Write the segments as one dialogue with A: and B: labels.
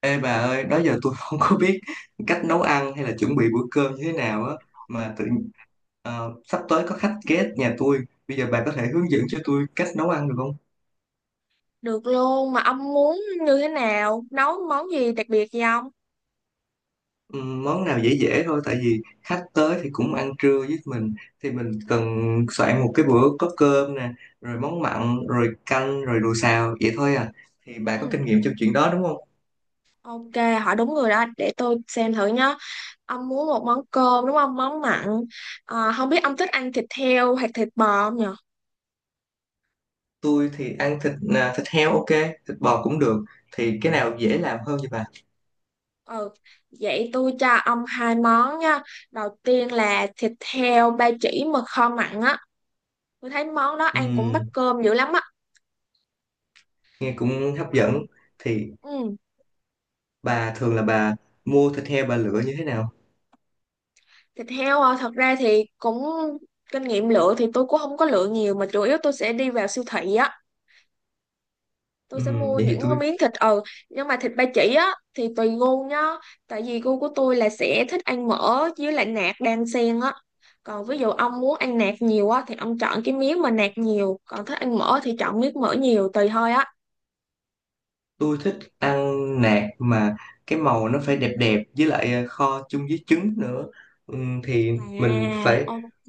A: Ê bà ơi, đó giờ tôi không có biết cách nấu ăn hay là chuẩn bị bữa cơm như thế nào á mà tự sắp tới có khách ghé nhà tôi. Bây giờ bà có thể hướng dẫn cho tôi cách nấu ăn được không?
B: Được luôn, mà ông muốn như thế nào? Nấu món gì đặc biệt gì không?
A: Món nào dễ dễ thôi tại vì khách tới thì cũng ăn trưa với mình thì mình cần soạn một cái bữa có cơm nè, rồi món mặn, rồi canh, rồi đồ xào vậy thôi à. Thì bà có
B: Ừ,
A: kinh nghiệm trong chuyện đó đúng không?
B: ok, hỏi đúng người đó, để tôi xem thử nhá. Ông muốn một món cơm đúng không? Món mặn. Ờ, không biết ông thích ăn thịt heo hoặc thịt bò không nhở?
A: Tôi thì ăn thịt à, thịt heo ok, thịt bò cũng được. Thì cái nào dễ làm hơn cho
B: Ừ, vậy tôi cho ông hai món nha. Đầu tiên là thịt heo ba chỉ mà kho mặn á. Tôi thấy món đó ăn cũng bắt
A: bà?
B: cơm dữ lắm á.
A: Nghe cũng hấp
B: Món-
A: dẫn thì
B: Ừ.
A: bà thường là bà mua thịt heo bà lựa như thế nào?
B: Thịt heo à, thật ra thì cũng kinh nghiệm lựa thì tôi cũng không có lựa nhiều, mà chủ yếu tôi sẽ đi vào siêu thị á, tôi
A: Ừ,
B: sẽ mua
A: vậy
B: những
A: thì
B: cái
A: tôi
B: miếng thịt ừ, nhưng mà thịt ba chỉ á thì tùy gu nhá, tại vì gu của tôi là sẽ thích ăn mỡ với lại nạc đan xen á, còn ví dụ ông muốn ăn nạc nhiều á thì ông chọn cái miếng mà nạc nhiều, còn thích ăn mỡ thì chọn miếng mỡ nhiều, tùy thôi á.
A: tôi thích ăn nạc mà cái màu nó phải đẹp đẹp với lại à, kho chung với trứng nữa. Ừ, thì mình
B: À,
A: phải
B: ok,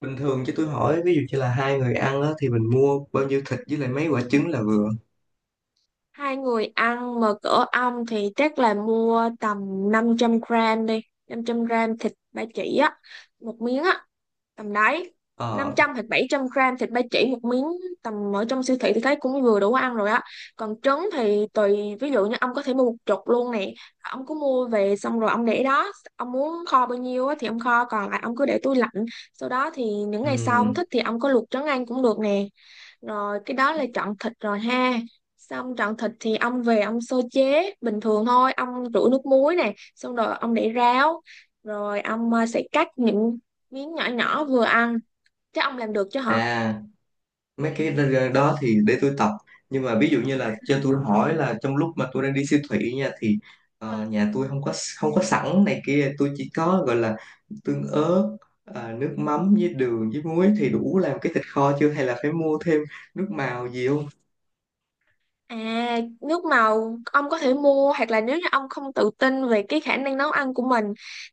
A: bình thường chứ tôi hỏi ví dụ như là hai người ăn á, thì mình mua bao nhiêu thịt với lại mấy quả trứng là vừa?
B: hai người ăn mà cỡ ong thì chắc là mua tầm 500 gram đi, 500 gram thịt ba chỉ á, một miếng á, tầm đấy. năm
A: Ờ.
B: trăm hoặc bảy trăm gram thịt ba chỉ một miếng, tầm ở trong siêu thị thì thấy cũng vừa đủ ăn rồi á. Còn trứng thì tùy, ví dụ như ông có thể mua một chục luôn nè, ông cứ mua về xong rồi ông để đó, ông muốn kho bao nhiêu á thì ông kho, còn lại ông cứ để tủ lạnh, sau đó thì những
A: Ừ.
B: ngày sau ông thích thì ông có luộc trứng ăn cũng được nè. Rồi cái đó là chọn thịt rồi ha. Xong chọn thịt thì ông về ông sơ chế bình thường thôi, ông rửa nước muối này xong rồi ông để ráo, rồi ông sẽ cắt những miếng nhỏ nhỏ vừa ăn, chứ ông làm được chứ hả?
A: À, mấy cái đó thì để tôi tập, nhưng mà ví dụ như là cho tôi hỏi là trong lúc mà tôi đang đi siêu thị nha thì nhà tôi không có, không có sẵn này kia, tôi chỉ có gọi là tương ớt, à, nước mắm với đường với muối thì đủ làm cái thịt kho chưa hay là phải mua thêm nước màu gì không?
B: À, nước màu ông có thể mua, hoặc là nếu như ông không tự tin về cái khả năng nấu ăn của mình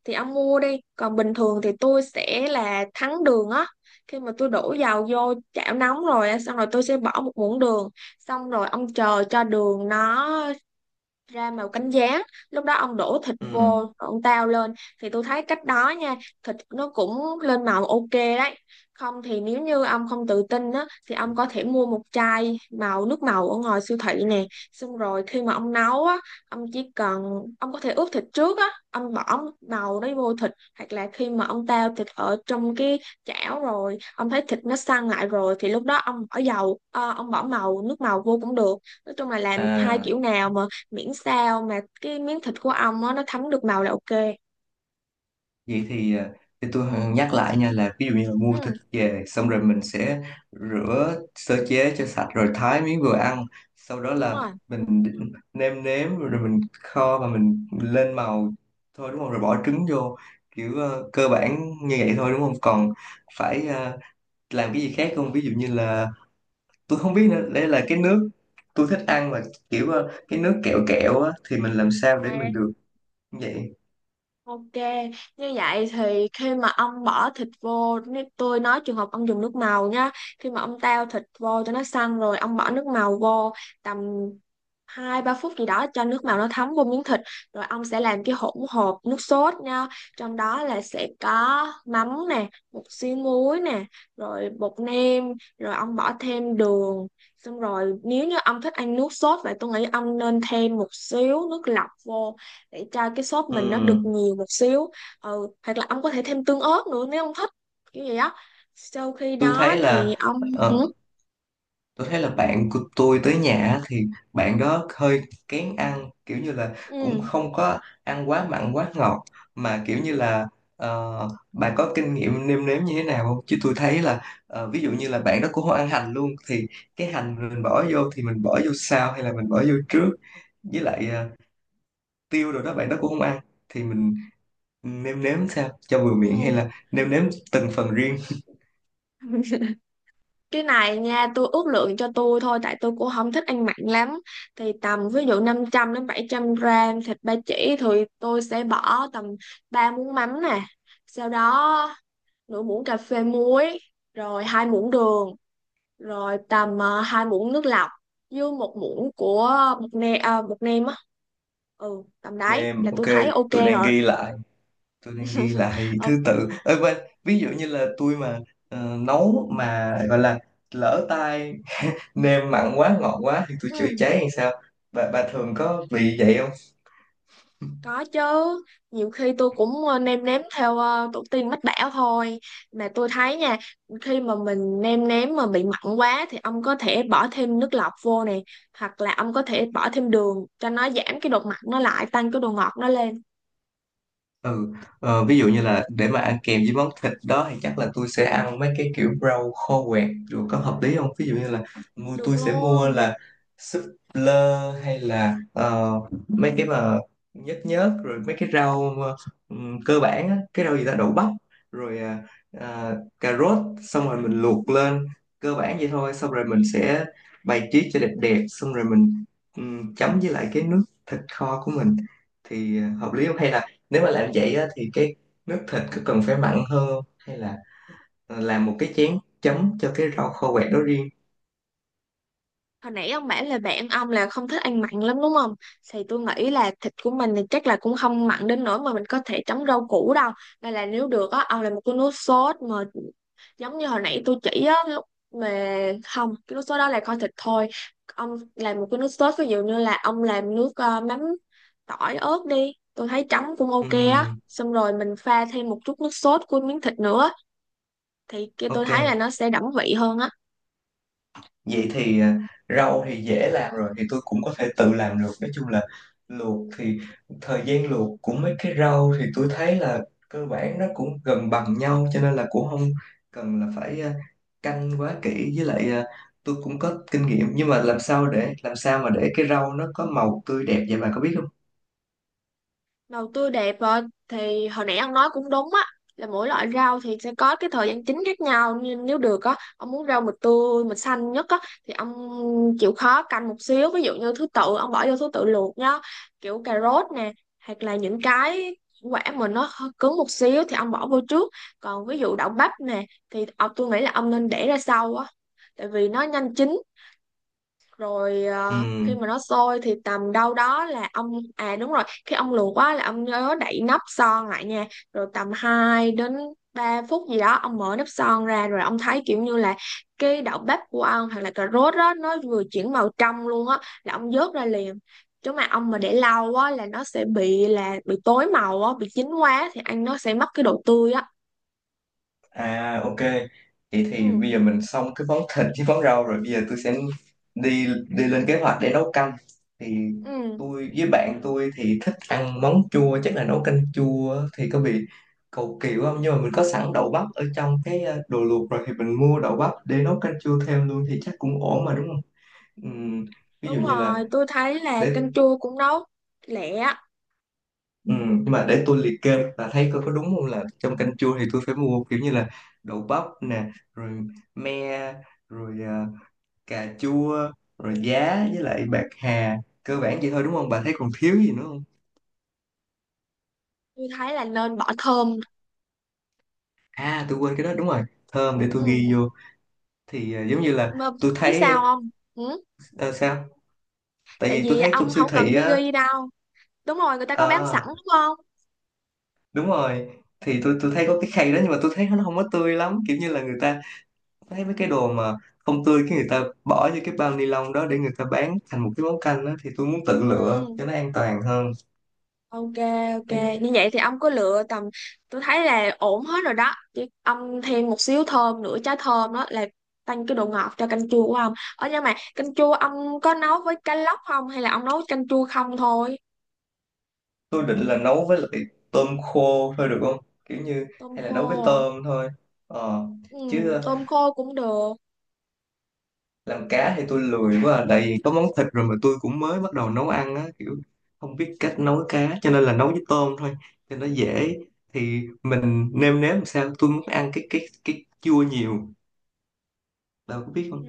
B: thì ông mua đi. Còn bình thường thì tôi sẽ là thắng đường á. Khi mà tôi đổ dầu vô chảo nóng rồi á, xong rồi tôi sẽ bỏ một muỗng đường. Xong rồi ông chờ cho đường nó ra màu cánh gián, lúc đó ông đổ thịt vô rồi
A: Ừ.
B: ông tao lên, thì tôi thấy cách đó nha, thịt nó cũng lên màu ok đấy. Không thì nếu như ông không tự tin á thì ông có thể mua một chai màu nước màu ở ngoài siêu thị nè, xong rồi khi mà ông nấu á ông chỉ cần ông có thể ướp thịt trước á, ông bỏ màu đấy vô thịt, hoặc là khi mà ông tao thịt ở trong cái chảo rồi, ông thấy thịt nó săn lại rồi thì lúc đó ông ông bỏ màu nước màu vô cũng được. Nói chung là làm hai
A: À,
B: kiểu nào mà miễn sao mà cái miếng thịt của ong á nó thấm được màu là ok.
A: vậy thì, à, thì tôi nhắc lại nha là ví dụ như là mua thịt
B: Ừ,
A: về xong rồi mình sẽ rửa sơ chế cho sạch rồi thái miếng vừa ăn, sau đó
B: đúng
A: là
B: rồi.
A: mình nêm nếm rồi mình kho và mình lên màu thôi đúng không, rồi bỏ trứng vô kiểu cơ bản như vậy thôi đúng không, còn phải làm cái gì khác không, ví dụ như là tôi không biết nữa, đây là cái nước tôi thích ăn mà kiểu cái nước kẹo kẹo á, thì mình làm sao để
B: À,
A: mình được như vậy?
B: ok, như vậy thì khi mà ông bỏ thịt vô, nếu tôi nói trường hợp ông dùng nước màu nhá, khi mà ông tao thịt vô cho nó săn rồi, ông bỏ nước màu vô tầm hai ba phút gì đó cho nước màu nó thấm vô miếng thịt, rồi ông sẽ làm cái hỗn hợp nước sốt nha, trong đó là sẽ có mắm nè, một xíu muối nè, rồi bột nêm, rồi ông bỏ thêm đường, xong rồi nếu như ông thích ăn nước sốt vậy tôi nghĩ ông nên thêm một xíu nước lọc vô để cho cái sốt mình nó được
A: Ừm,
B: nhiều một xíu. Ừ, hoặc là ông có thể thêm tương ớt nữa nếu ông thích, kiểu vậy á. Sau khi
A: tôi
B: đó
A: thấy
B: thì
A: là
B: ông
A: ờ,
B: ừ,
A: tôi thấy là bạn của tôi tới nhà á, thì bạn đó hơi kén ăn kiểu như là
B: ừ,
A: cũng không có ăn quá mặn quá ngọt, mà kiểu như là bà có kinh nghiệm nêm nếm như thế nào không? Chứ tôi thấy là ví dụ như là bạn đó cũng không ăn hành luôn thì cái hành mình bỏ vô thì mình bỏ vô sau hay là mình bỏ vô trước, với lại tiêu rồi đó bạn đó cũng không ăn, thì mình nêm nếm sao cho vừa miệng hay
B: ừ.
A: là nêm nếm từng phần riêng?
B: Cái này nha tôi ước lượng cho tôi thôi tại tôi cũng không thích ăn mặn lắm, thì tầm ví dụ 500 đến 700 gram thịt ba chỉ thì tôi sẽ bỏ tầm 3 muỗng mắm nè, sau đó nửa muỗng cà phê muối, rồi 2 muỗng đường, rồi tầm 2 muỗng nước lọc, với một muỗng của bột nêm à, bột nêm á. Ừ tầm đấy là
A: Nêm
B: tôi
A: ok.
B: thấy ok
A: tôi đang
B: rồi.
A: ghi lại tôi đang ghi lại
B: Ừ,
A: thứ tự. Ê, quên, ví dụ như là tôi mà nấu mà gọi là lỡ tay nêm mặn quá ngọt quá thì tôi chữa
B: ừ,
A: cháy hay sao? Bà thường có bị vậy?
B: có chứ, nhiều khi tôi cũng nêm nếm theo tổ tiên mách bảo thôi. Mà tôi thấy nha, khi mà mình nêm nếm mà bị mặn quá thì ông có thể bỏ thêm nước lọc vô nè, hoặc là ông có thể bỏ thêm đường cho nó giảm cái độ mặn nó lại tăng cái độ ngọt nó lên.
A: Ừ. Ví dụ như là để mà ăn kèm với món thịt đó thì chắc là tôi sẽ ăn mấy cái kiểu rau kho quẹt rồi, có hợp lý không? Ví dụ như là
B: Được
A: tôi sẽ mua
B: luôn.
A: là súp lơ hay là mấy cái mà nhớt nhớt rồi mấy cái rau mà, cơ bản á, cái rau gì ta, đậu bắp rồi à, à, cà rốt, xong rồi mình luộc lên cơ bản vậy thôi, xong rồi mình sẽ bày trí cho đẹp đẹp, xong rồi mình chấm với lại cái nước thịt kho của mình thì hợp lý không, hay là nếu mà làm vậy á, thì cái nước thịt có cần phải mặn hơn không? Hay là làm một cái chén chấm cho cái rau kho quẹt đó riêng?
B: Hồi nãy ông bảo là bạn ông là không thích ăn mặn lắm đúng không? Thì tôi nghĩ là thịt của mình thì chắc là cũng không mặn đến nỗi mà mình có thể chấm rau củ đâu. Nên là nếu được á, ông làm một cái nước sốt mà giống như hồi nãy tôi chỉ á, lúc mà không, cái nước sốt đó là kho thịt thôi. Ông làm một cái nước sốt ví dụ như là ông làm nước mắm tỏi ớt đi. Tôi thấy chấm cũng ok á.
A: Ừm,
B: Xong rồi mình pha thêm một chút nước sốt của miếng thịt nữa. Thì kia tôi
A: ok.
B: thấy là nó sẽ đậm vị hơn á.
A: Vậy thì rau thì dễ làm rồi thì tôi cũng có thể tự làm được, nói chung là luộc thì thời gian luộc của mấy cái rau thì tôi thấy là cơ bản nó cũng gần bằng nhau cho nên là cũng không cần là phải canh quá kỹ, với lại tôi cũng có kinh nghiệm nhưng mà làm sao để làm sao mà để cái rau nó có màu tươi đẹp vậy, bà có biết không?
B: Đầu tư đẹp rồi, thì hồi nãy ông nói cũng đúng á là mỗi loại rau thì sẽ có cái thời gian chín khác nhau, nhưng nếu được á ông muốn rau mịch tươi mịch xanh nhất á thì ông chịu khó canh một xíu, ví dụ như thứ tự ông bỏ vô thứ tự luộc nhá, kiểu cà rốt nè hoặc là những cái quả mà nó hơi cứng một xíu thì ông bỏ vô trước, còn ví dụ đậu bắp nè thì tôi nghĩ là ông nên để ra sau á tại vì nó nhanh chín, rồi khi mà
A: Ừ.
B: nó sôi thì tầm đâu đó là ông à đúng rồi khi ông luộc quá là ông nhớ đậy nắp son lại nha. Rồi tầm 2 đến 3 phút gì đó ông mở nắp son ra rồi ông thấy kiểu như là cái đậu bắp của ông hoặc là cà rốt đó nó vừa chuyển màu trong luôn á, là ông vớt ra liền, chứ mà ông mà để lâu á là nó sẽ bị là bị tối màu á, bị chín quá thì ăn nó sẽ mất cái độ tươi á.
A: À ok, vậy thì
B: Ừ.
A: bây giờ mình xong cái món thịt với món rau rồi, bây giờ tôi sẽ đi đi lên kế hoạch để nấu canh. Thì
B: Ừ,
A: tôi với bạn tôi thì thích ăn món chua, chắc là nấu canh chua thì có bị cầu kỳ quá không? Nhưng mà mình có sẵn đậu bắp ở trong cái đồ luộc rồi thì mình mua đậu bắp để nấu canh chua thêm luôn thì chắc cũng ổn mà đúng không? Ừm, ví dụ
B: đúng
A: như là
B: rồi, tôi thấy là
A: để
B: canh chua cũng nấu lẹ á.
A: Ừ, nhưng mà để tôi liệt kê và thấy coi có đúng không, là trong canh chua thì tôi phải mua kiểu như là đậu bắp nè, rồi me, rồi à, cà chua, rồi giá với lại bạc hà, cơ bản vậy thôi đúng không, bà thấy còn thiếu gì nữa không?
B: Tôi thấy là nên bỏ thơm.
A: À, tôi quên cái đó, đúng rồi, thơm, để tôi
B: Ừ.
A: ghi vô. Thì à, giống như là
B: Mà
A: tôi
B: biết sao
A: thấy
B: không? Ừ.
A: ờ, sao tại
B: Tại
A: vì tôi
B: vì
A: thấy
B: ông
A: trong siêu
B: không cần
A: thị
B: phải
A: á,
B: ghi đâu. Đúng rồi, người ta có bán sẵn
A: ờ,
B: đúng không?
A: đúng rồi, thì tôi thấy có cái khay đó nhưng mà tôi thấy nó không có tươi lắm, kiểu như là người ta thấy mấy cái đồ mà không tươi cái người ta bỏ vô cái bao ni lông đó để người ta bán thành một cái món canh đó, thì tôi muốn tự lựa
B: Ừ.
A: cho nó an toàn hơn.
B: Ok, ok. Như vậy thì ông có lựa tầm tôi thấy là ổn hết rồi đó. Chứ ông thêm một xíu thơm nữa, trái thơm đó là tăng cái độ ngọt cho canh chua của ông. Ở, nhưng mà canh chua ông có nấu với cá lóc không, hay là ông nấu canh chua không thôi?
A: Tôi định là nấu với lại tôm khô thôi được không, kiểu như
B: Tôm
A: hay là nấu với
B: khô à?
A: tôm thôi. Ờ,
B: Ừ,
A: chứ
B: tôm khô cũng được.
A: làm cá thì tôi lười quá à. Tại vì có món thịt rồi mà tôi cũng mới bắt đầu nấu ăn á, kiểu không biết cách nấu cá cho nên là nấu với tôm thôi cho nó dễ. Thì mình nêm nếm làm sao tôi muốn ăn cái cái chua nhiều, đâu có biết.
B: Ừ.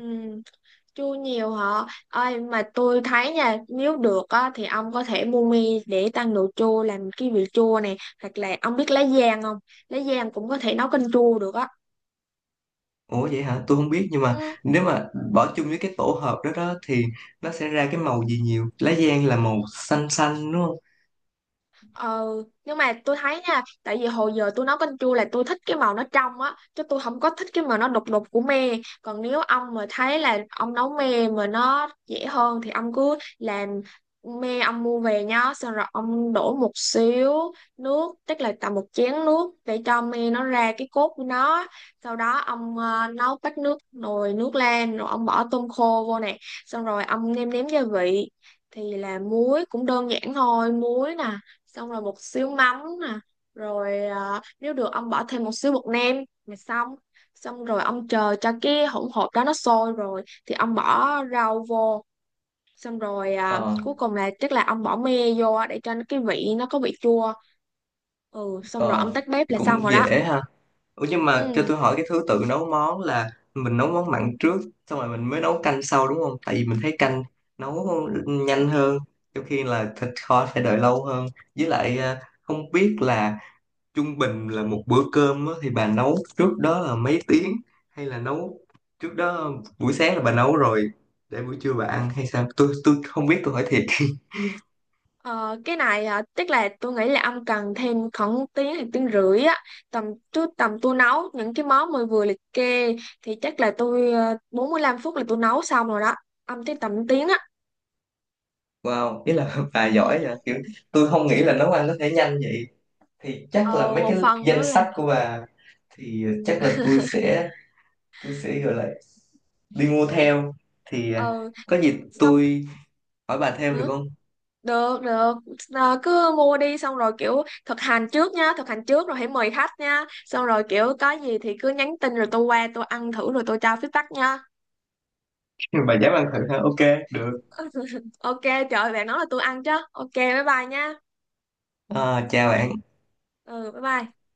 B: Chua nhiều hả? Ơi mà tôi thấy nha, nếu được á thì ông có thể mua mi để tăng độ chua làm cái vị chua này, hoặc là ông biết lá giang không? Lá giang cũng có thể nấu canh chua được á.
A: Ủa vậy hả? Tôi không biết, nhưng mà
B: Ừ.
A: nếu mà ừ, bỏ chung với cái tổ hợp đó đó thì nó sẽ ra cái màu gì nhiều? Lá giang là màu xanh xanh đúng không?
B: Ờ, nhưng mà tôi thấy nha, tại vì hồi giờ tôi nấu canh chua là tôi thích cái màu nó trong á, chứ tôi không có thích cái màu nó đục đục của me. Còn nếu ông mà thấy là ông nấu me mà nó dễ hơn thì ông cứ làm, me ông mua về nhá, xong rồi ông đổ một xíu nước, tức là tầm một chén nước để cho me nó ra cái cốt của nó. Sau đó ông nấu bát nước nồi nước lên, rồi ông bỏ tôm khô vô nè, xong rồi ông nêm nếm gia vị. Thì là muối cũng đơn giản thôi, muối nè, xong rồi một xíu mắm nè, rồi à, nếu được ông bỏ thêm một xíu bột nêm là xong. Xong rồi ông chờ cho cái hỗn hợp đó nó sôi rồi thì ông bỏ rau vô, xong rồi à,
A: Ờ,
B: cuối cùng là chắc là ông bỏ me vô để cho cái vị nó có vị chua. Ừ xong rồi
A: ờ
B: ông tắt bếp
A: thì
B: là xong
A: cũng
B: rồi đó.
A: dễ ha. Ủa nhưng mà cho
B: Ừ.
A: tôi hỏi cái thứ tự nấu món là mình nấu món mặn trước xong rồi mình mới nấu canh sau đúng không? Tại vì mình thấy canh nấu nhanh hơn, trong khi là thịt kho phải đợi lâu hơn. Với lại à, không biết là trung bình là một bữa cơm á, thì bà nấu trước đó là mấy tiếng, hay là nấu trước đó buổi sáng là bà nấu rồi để buổi trưa bà ăn hay sao, tôi không biết tôi hỏi thiệt.
B: Ờ, cái này à, tức là tôi nghĩ là ông cần thêm khoảng tiếng hay tiếng rưỡi á, tầm tôi nấu những cái món mới vừa liệt kê thì chắc là tôi 45 phút là tôi nấu xong rồi đó, ông tới tầm tiếng á.
A: Wow, ý là bà
B: Ừ.
A: giỏi vậy kiểu, tôi không nghĩ là nấu ăn có thể nhanh vậy. Thì
B: ờ,
A: chắc là mấy
B: một
A: cái
B: phần nữa
A: danh
B: là
A: sách của bà thì chắc là tôi sẽ gọi là đi mua theo. Thì à,
B: ờ
A: có gì
B: xong.
A: tôi hỏi bà thêm được
B: Ừ,
A: không?
B: được được. Ờ, cứ mua đi xong rồi kiểu thực hành trước nha, thực hành trước rồi hãy mời khách nha, xong rồi kiểu có gì thì cứ nhắn tin rồi tôi qua tôi ăn thử rồi tôi cho feedback nha.
A: Bà dám ăn thử ha, ok được.
B: ok trời ơi, bạn nói là tôi ăn chứ ok bye bye nha.
A: À, chào bạn.
B: Ừ bye bye.